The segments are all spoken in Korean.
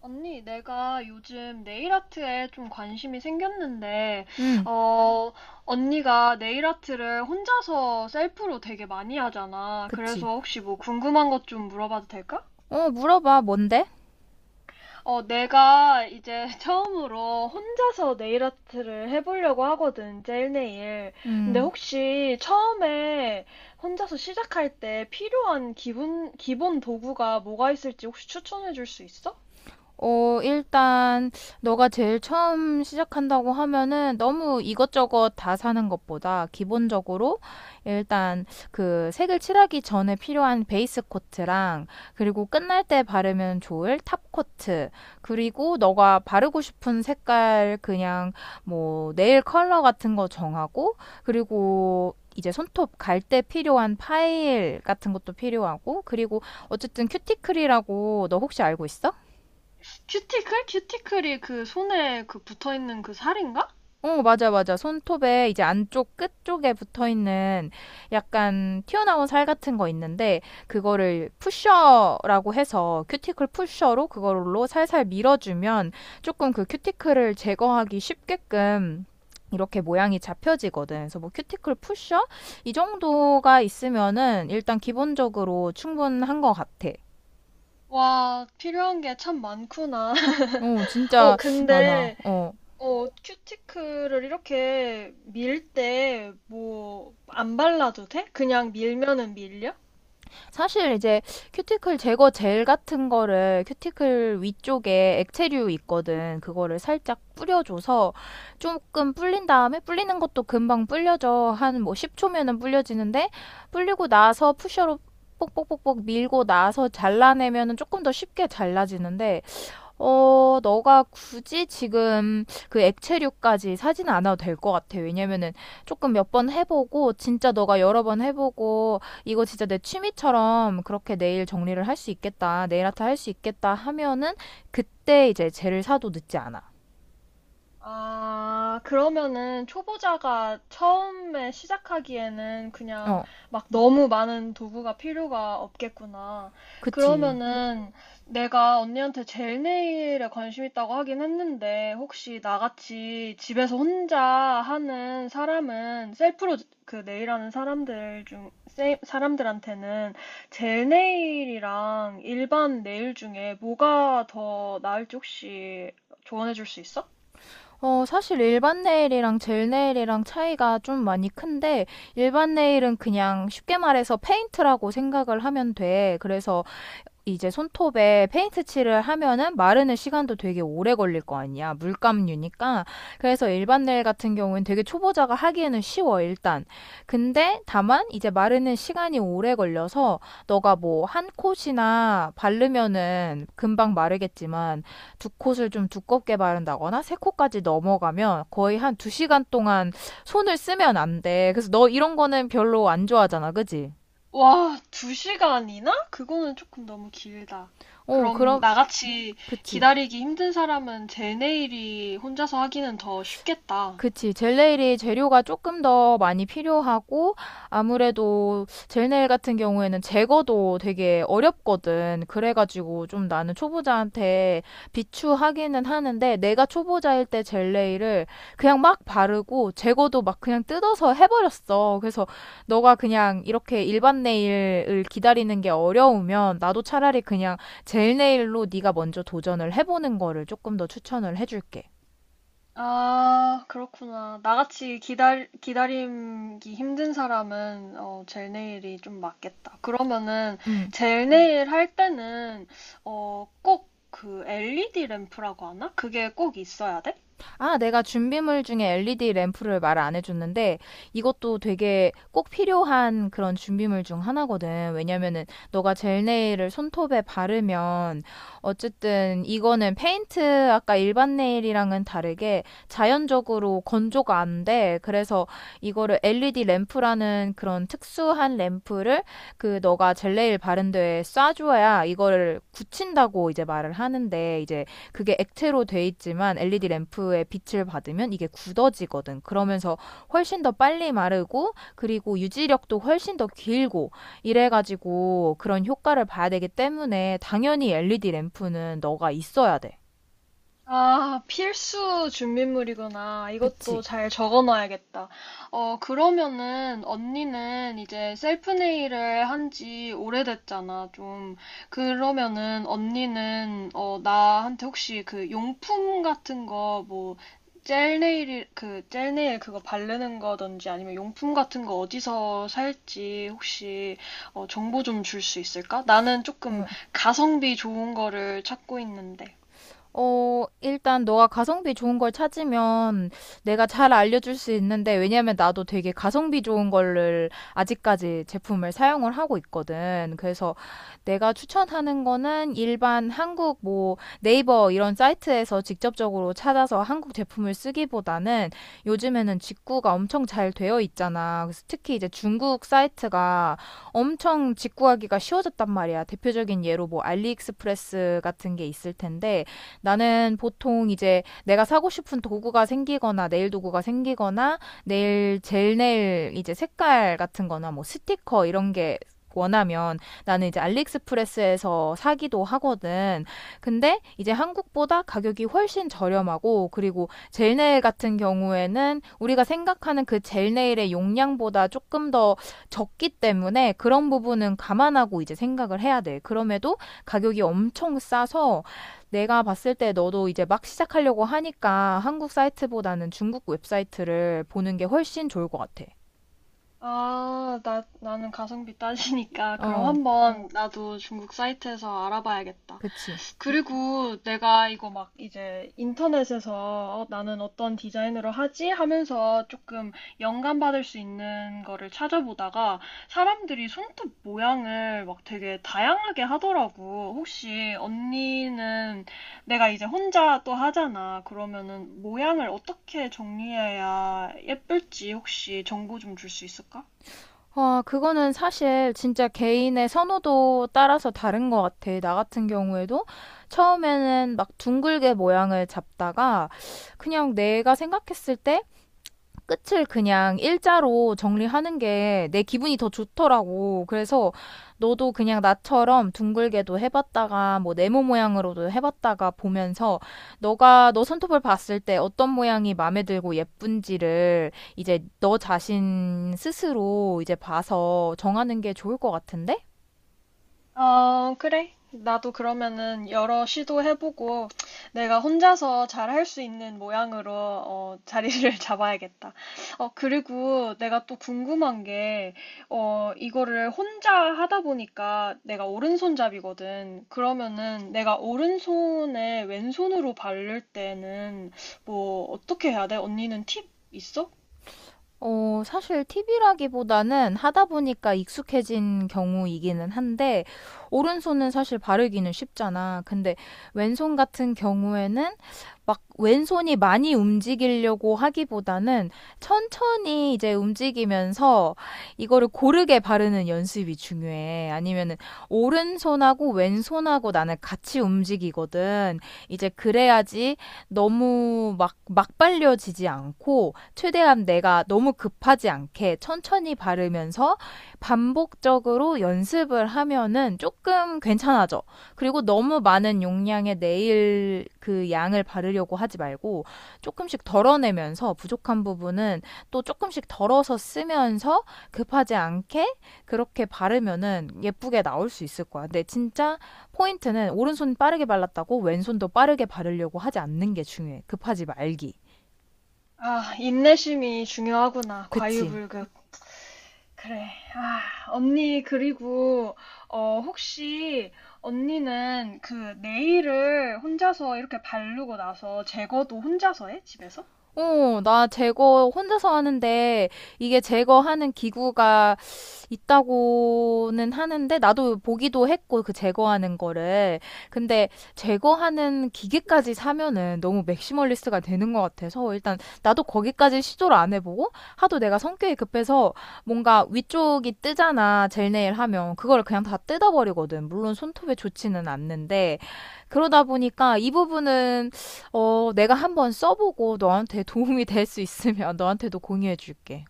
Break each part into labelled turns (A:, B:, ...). A: 언니, 내가 요즘 네일 아트에 좀 관심이 생겼는데,
B: 응,
A: 어, 언니가 네일 아트를 혼자서 셀프로 되게 많이 하잖아.
B: 그치.
A: 그래서 혹시 뭐 궁금한 것 좀 물어봐도 될까?
B: 물어봐. 뭔데?
A: 어, 내가 이제 처음으로 혼자서 네일 아트를 해보려고 하거든, 젤네일. 근데
B: 음,
A: 혹시 처음에 혼자서 시작할 때 필요한 기본 도구가 뭐가 있을지 혹시 추천해 줄 수 있어?
B: 일단, 너가 제일 처음 시작한다고 하면은 너무 이것저것 다 사는 것보다 기본적으로 일단 그 색을 칠하기 전에 필요한 베이스 코트랑, 그리고 끝날 때 바르면 좋을 탑 코트, 그리고 너가 바르고 싶은 색깔 그냥 뭐 네일 컬러 같은 거 정하고, 그리고 이제 손톱 갈 때 필요한 파일 같은 것도 필요하고, 그리고 어쨌든 큐티클이라고 너 혹시 알고 있어?
A: 큐티클? 큐티클이 그 손에 그 붙어 있는 그 살인가?
B: 어, 맞아, 맞아. 손톱에 이제 안쪽 끝 쪽에 붙어 있는 약간 튀어나온 살 같은 거 있는데, 그거를 푸셔라고 해서 큐티클 푸셔로 그걸로 살살 밀어주면 조금 그 큐티클을 제거하기 쉽게끔 이렇게 모양이 잡혀지거든. 그래서 뭐 큐티클 푸셔? 이 정도가 있으면은 일단 기본적으로 충분한 것 같아.
A: 와, 필요한 게 참 많구나.
B: 어,
A: 어,
B: 진짜 많아.
A: 근데
B: 어.
A: 어, 큐티클을 이렇게 밀때 뭐 안 발라도 돼? 그냥 밀면은 밀려?
B: 사실 이제 큐티클 제거 젤 같은 거를 큐티클 위쪽에 액체류 있거든. 그거를 살짝 뿌려줘서 조금 불린 다음에, 불리는 것도 금방 불려져. 한 뭐 10초면은 불려지는데, 불리고 나서 푸셔로 뽁뽁뽁뽁 밀고 나서 잘라내면은 조금 더 쉽게 잘라지는데, 너가 굳이 지금 그 액체류까지 사지는 않아도 될 것 같아. 왜냐면은 조금 몇 번 해보고, 진짜 너가 여러 번 해보고, 이거 진짜 내 취미처럼 그렇게 네일 정리를 할 수 있겠다, 네일 아트 할 수 있겠다 하면은 그때 이제 젤을 사도 늦지 않아.
A: 아, 그러면은 초보자가 처음에 시작하기에는 그냥
B: 어,
A: 막 너무 많은 도구가 필요가 없겠구나.
B: 그치.
A: 그러면은 내가 언니한테 젤네일에 관심 있다고 하긴 했는데 혹시 나같이 집에서 혼자 하는 사람은 셀프로 그 네일하는 사람들 중 사람들한테는 젤네일이랑 일반 네일 중에 뭐가 더 나을지 혹시 조언해 줄 수 있어?
B: 사실 일반 네일이랑 젤 네일이랑 차이가 좀 많이 큰데, 일반 네일은 그냥 쉽게 말해서 페인트라고 생각을 하면 돼. 그래서 이제 손톱에 페인트 칠을 하면은 마르는 시간도 되게 오래 걸릴 거 아니야. 물감류니까. 그래서 일반 네일 같은 경우는 되게 초보자가 하기에는 쉬워, 일단. 근데 다만 이제 마르는 시간이 오래 걸려서 너가 뭐 한 콧이나 바르면은 금방 마르겠지만 두 콧을 좀 두껍게 바른다거나 세 콧까지 넘어가면 거의 한 두 시간 동안 손을 쓰면 안 돼. 그래서 너 이런 거는 별로 안 좋아하잖아. 그지?
A: 와, 2시간이나? 그거는 조금 너무 길다.
B: 어,
A: 그럼
B: 그럼,
A: 나같이
B: 그치.
A: 기다리기 힘든 사람은 제 내일이 혼자서 하기는 더 쉽겠다.
B: 그치. 젤네일이 재료가 조금 더 많이 필요하고, 아무래도 젤네일 같은 경우에는 제거도 되게 어렵거든. 그래가지고 좀 나는 초보자한테 비추하기는 하는데, 내가 초보자일 때 젤네일을 그냥 막 바르고, 제거도 막 그냥 뜯어서 해버렸어. 그래서 너가 그냥 이렇게 일반 네일을 기다리는 게 어려우면, 나도 차라리 그냥 젤네일로 네가 먼저 도전을 해보는 거를 조금 더 추천을 해줄게.
A: 아, 그렇구나. 나같이 기다리기 힘든 사람은 어, 젤 네일이 좀 맞겠다. 그러면은
B: 음.
A: 젤 네일 할 때는 어, 꼭 그 LED 램프라고 하나? 그게 꼭 있어야 돼?
B: 아, 내가 준비물 중에 LED 램프를 말 안 해줬는데 이것도 되게 꼭 필요한 그런 준비물 중 하나거든. 왜냐면은 너가 젤네일을 손톱에 바르면 어쨌든 이거는 페인트 아까 일반 네일이랑은 다르게 자연적으로 건조가 안 돼. 그래서 이거를 LED 램프라는 그런 특수한 램프를 그 너가 젤네일 바른 데에 쏴줘야 이거를 굳힌다고 이제 말을 하는데, 이제 그게 액체로 돼 있지만 LED 램프의 빛을 받으면 이게 굳어지거든. 그러면서 훨씬 더 빨리 마르고 그리고 유지력도 훨씬 더 길고 이래가지고 그런 효과를 봐야 되기 때문에 당연히 LED 램프는 너가 있어야 돼.
A: 아, 필수 준비물이구나.
B: 그치?
A: 이것도 잘 적어놔야겠다. 어, 그러면은 언니는 이제 셀프 네일을 한지 오래됐잖아, 좀. 그러면은 언니는 어, 나한테 혹시 그 용품 같은 거 뭐 젤 네일 그거 바르는 거든지 아니면 용품 같은 거 어디서 살지 혹시 어, 정보 좀 줄 수 있을까? 나는 조금
B: 응,
A: 가성비 좋은 거를 찾고 있는데.
B: 일단 너가 가성비 좋은 걸 찾으면 내가 잘 알려줄 수 있는데, 왜냐면 나도 되게 가성비 좋은 거를 아직까지 제품을 사용을 하고 있거든. 그래서 내가 추천하는 거는 일반 한국 뭐 네이버 이런 사이트에서 직접적으로 찾아서 한국 제품을 쓰기보다는 요즘에는 직구가 엄청 잘 되어 있잖아. 그래서 특히 이제 중국 사이트가 엄청 직구하기가 쉬워졌단 말이야. 대표적인 예로 뭐 알리익스프레스 같은 게 있을 텐데, 나는 보통 이제 내가 사고 싶은 도구가 생기거나 네일 도구가 생기거나 네일 젤 네일 이제 색깔 같은 거나 뭐 스티커 이런 게 원하면 나는 이제 알리익스프레스에서 사기도 하거든. 근데 이제 한국보다 가격이 훨씬 저렴하고, 그리고 젤 네일 같은 경우에는 우리가 생각하는 그 젤 네일의 용량보다 조금 더 적기 때문에 그런 부분은 감안하고 이제 생각을 해야 돼. 그럼에도 가격이 엄청 싸서 내가 봤을 때 너도 이제 막 시작하려고 하니까 한국 사이트보다는 중국 웹사이트를 보는 게 훨씬 좋을 것 같아.
A: 아, 나는 가성비 따지니까 그럼
B: 어,
A: 한번 어, 나도 중국 사이트에서 알아봐야겠다.
B: 그치.
A: 그리고 내가 이거 막 이제 인터넷에서 어, 나는 어떤 디자인으로 하지? 하면서 조금 영감받을 수 있는 거를 찾아보다가 사람들이 손톱 모양을 막 되게 다양하게 하더라고. 혹시 언니는 내가 이제 혼자 또 하잖아. 그러면은 모양을 어떻게 정리해야 예쁠지 혹시 정보 좀 줄 수 있을까?
B: 와, 그거는 사실 진짜 개인의 선호도 따라서 다른 것 같아. 나 같은 경우에도 처음에는 막 둥글게 모양을 잡다가 그냥 내가 생각했을 때 끝을 그냥 일자로 정리하는 게 내 기분이 더 좋더라고. 그래서 너도 그냥 나처럼 둥글게도 해봤다가 뭐 네모 모양으로도 해봤다가 보면서 너가 너 손톱을 봤을 때 어떤 모양이 마음에 들고 예쁜지를 이제 너 자신 스스로 이제 봐서 정하는 게 좋을 것 같은데?
A: 어, 그래. 나도 그러면은 여러 시도해보고 내가 혼자서 잘 할 수 있는 모양으로 어, 자리를 잡아야겠다. 어, 그리고 내가 또 궁금한 게, 어, 이거를 혼자 하다 보니까 내가 오른손잡이거든. 그러면은 내가 오른손에 왼손으로 바를 때는 뭐 어떻게 해야 돼? 언니는 팁 있어?
B: 사실 팁이라기보다는 하다 보니까 익숙해진 경우이기는 한데, 오른손은 사실 바르기는 쉽잖아. 근데 왼손 같은 경우에는 막 왼손이 많이 움직이려고 하기보다는 천천히 이제 움직이면서 이거를 고르게 바르는 연습이 중요해. 아니면은 오른손하고 왼손하고 나는 같이 움직이거든. 이제 그래야지 너무 막 발려지지 않고, 최대한 내가 너무 급하지 않게 천천히 바르면서 반복적으로 연습을 하면은 조금 괜찮아져. 그리고 너무 많은 용량의 네일 그 양을 바르려고 하지 말고 조금씩 덜어내면서 부족한 부분은 또 조금씩 덜어서 쓰면서 급하지 않게 그렇게 바르면은 예쁘게 나올 수 있을 거야. 근데 진짜 포인트는 오른손 빠르게 발랐다고 왼손도 빠르게 바르려고 하지 않는 게 중요해. 급하지 말기.
A: 아, 인내심이 중요하구나.
B: 그치.
A: 과유불급. 그래. 아, 언니, 그리고, 어, 혹시, 언니는 그 네일을 혼자서 이렇게 바르고 나서 제거도 혼자서 해? 집에서?
B: 어, 나 제거 혼자서 하는데 이게 제거하는 기구가 있다고는 하는데, 나도 보기도 했고 그 제거하는 거를. 근데 제거하는 기계까지 사면은 너무 맥시멀리스트가 되는 것 같아서 일단 나도 거기까지 시도를 안 해보고, 하도 내가 성격이 급해서 뭔가 위쪽이 뜨잖아. 젤네일 하면 그걸 그냥 다 뜯어버리거든. 물론 손톱에 좋지는 않는데 그러다 보니까 이 부분은 어, 내가 한번 써보고 너한테 도움이 될 수 있으면 너한테도 공유해줄게.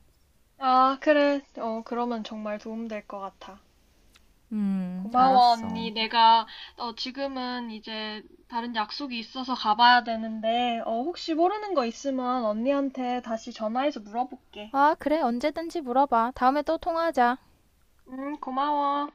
A: 아, 그래. 어, 그러면 정말 도움될 것 같아. 음. 고마워,
B: 알았어.
A: 언니. 내가, 어, 지금은 이제 다른 약속이 있어서 가봐야 되는데, 어, 혹시 모르는 거 있으면 언니한테 다시 전화해서 물어볼게.
B: 아, 그래. 언제든지 물어봐. 다음에 또 통화하자.
A: 응, 고마워.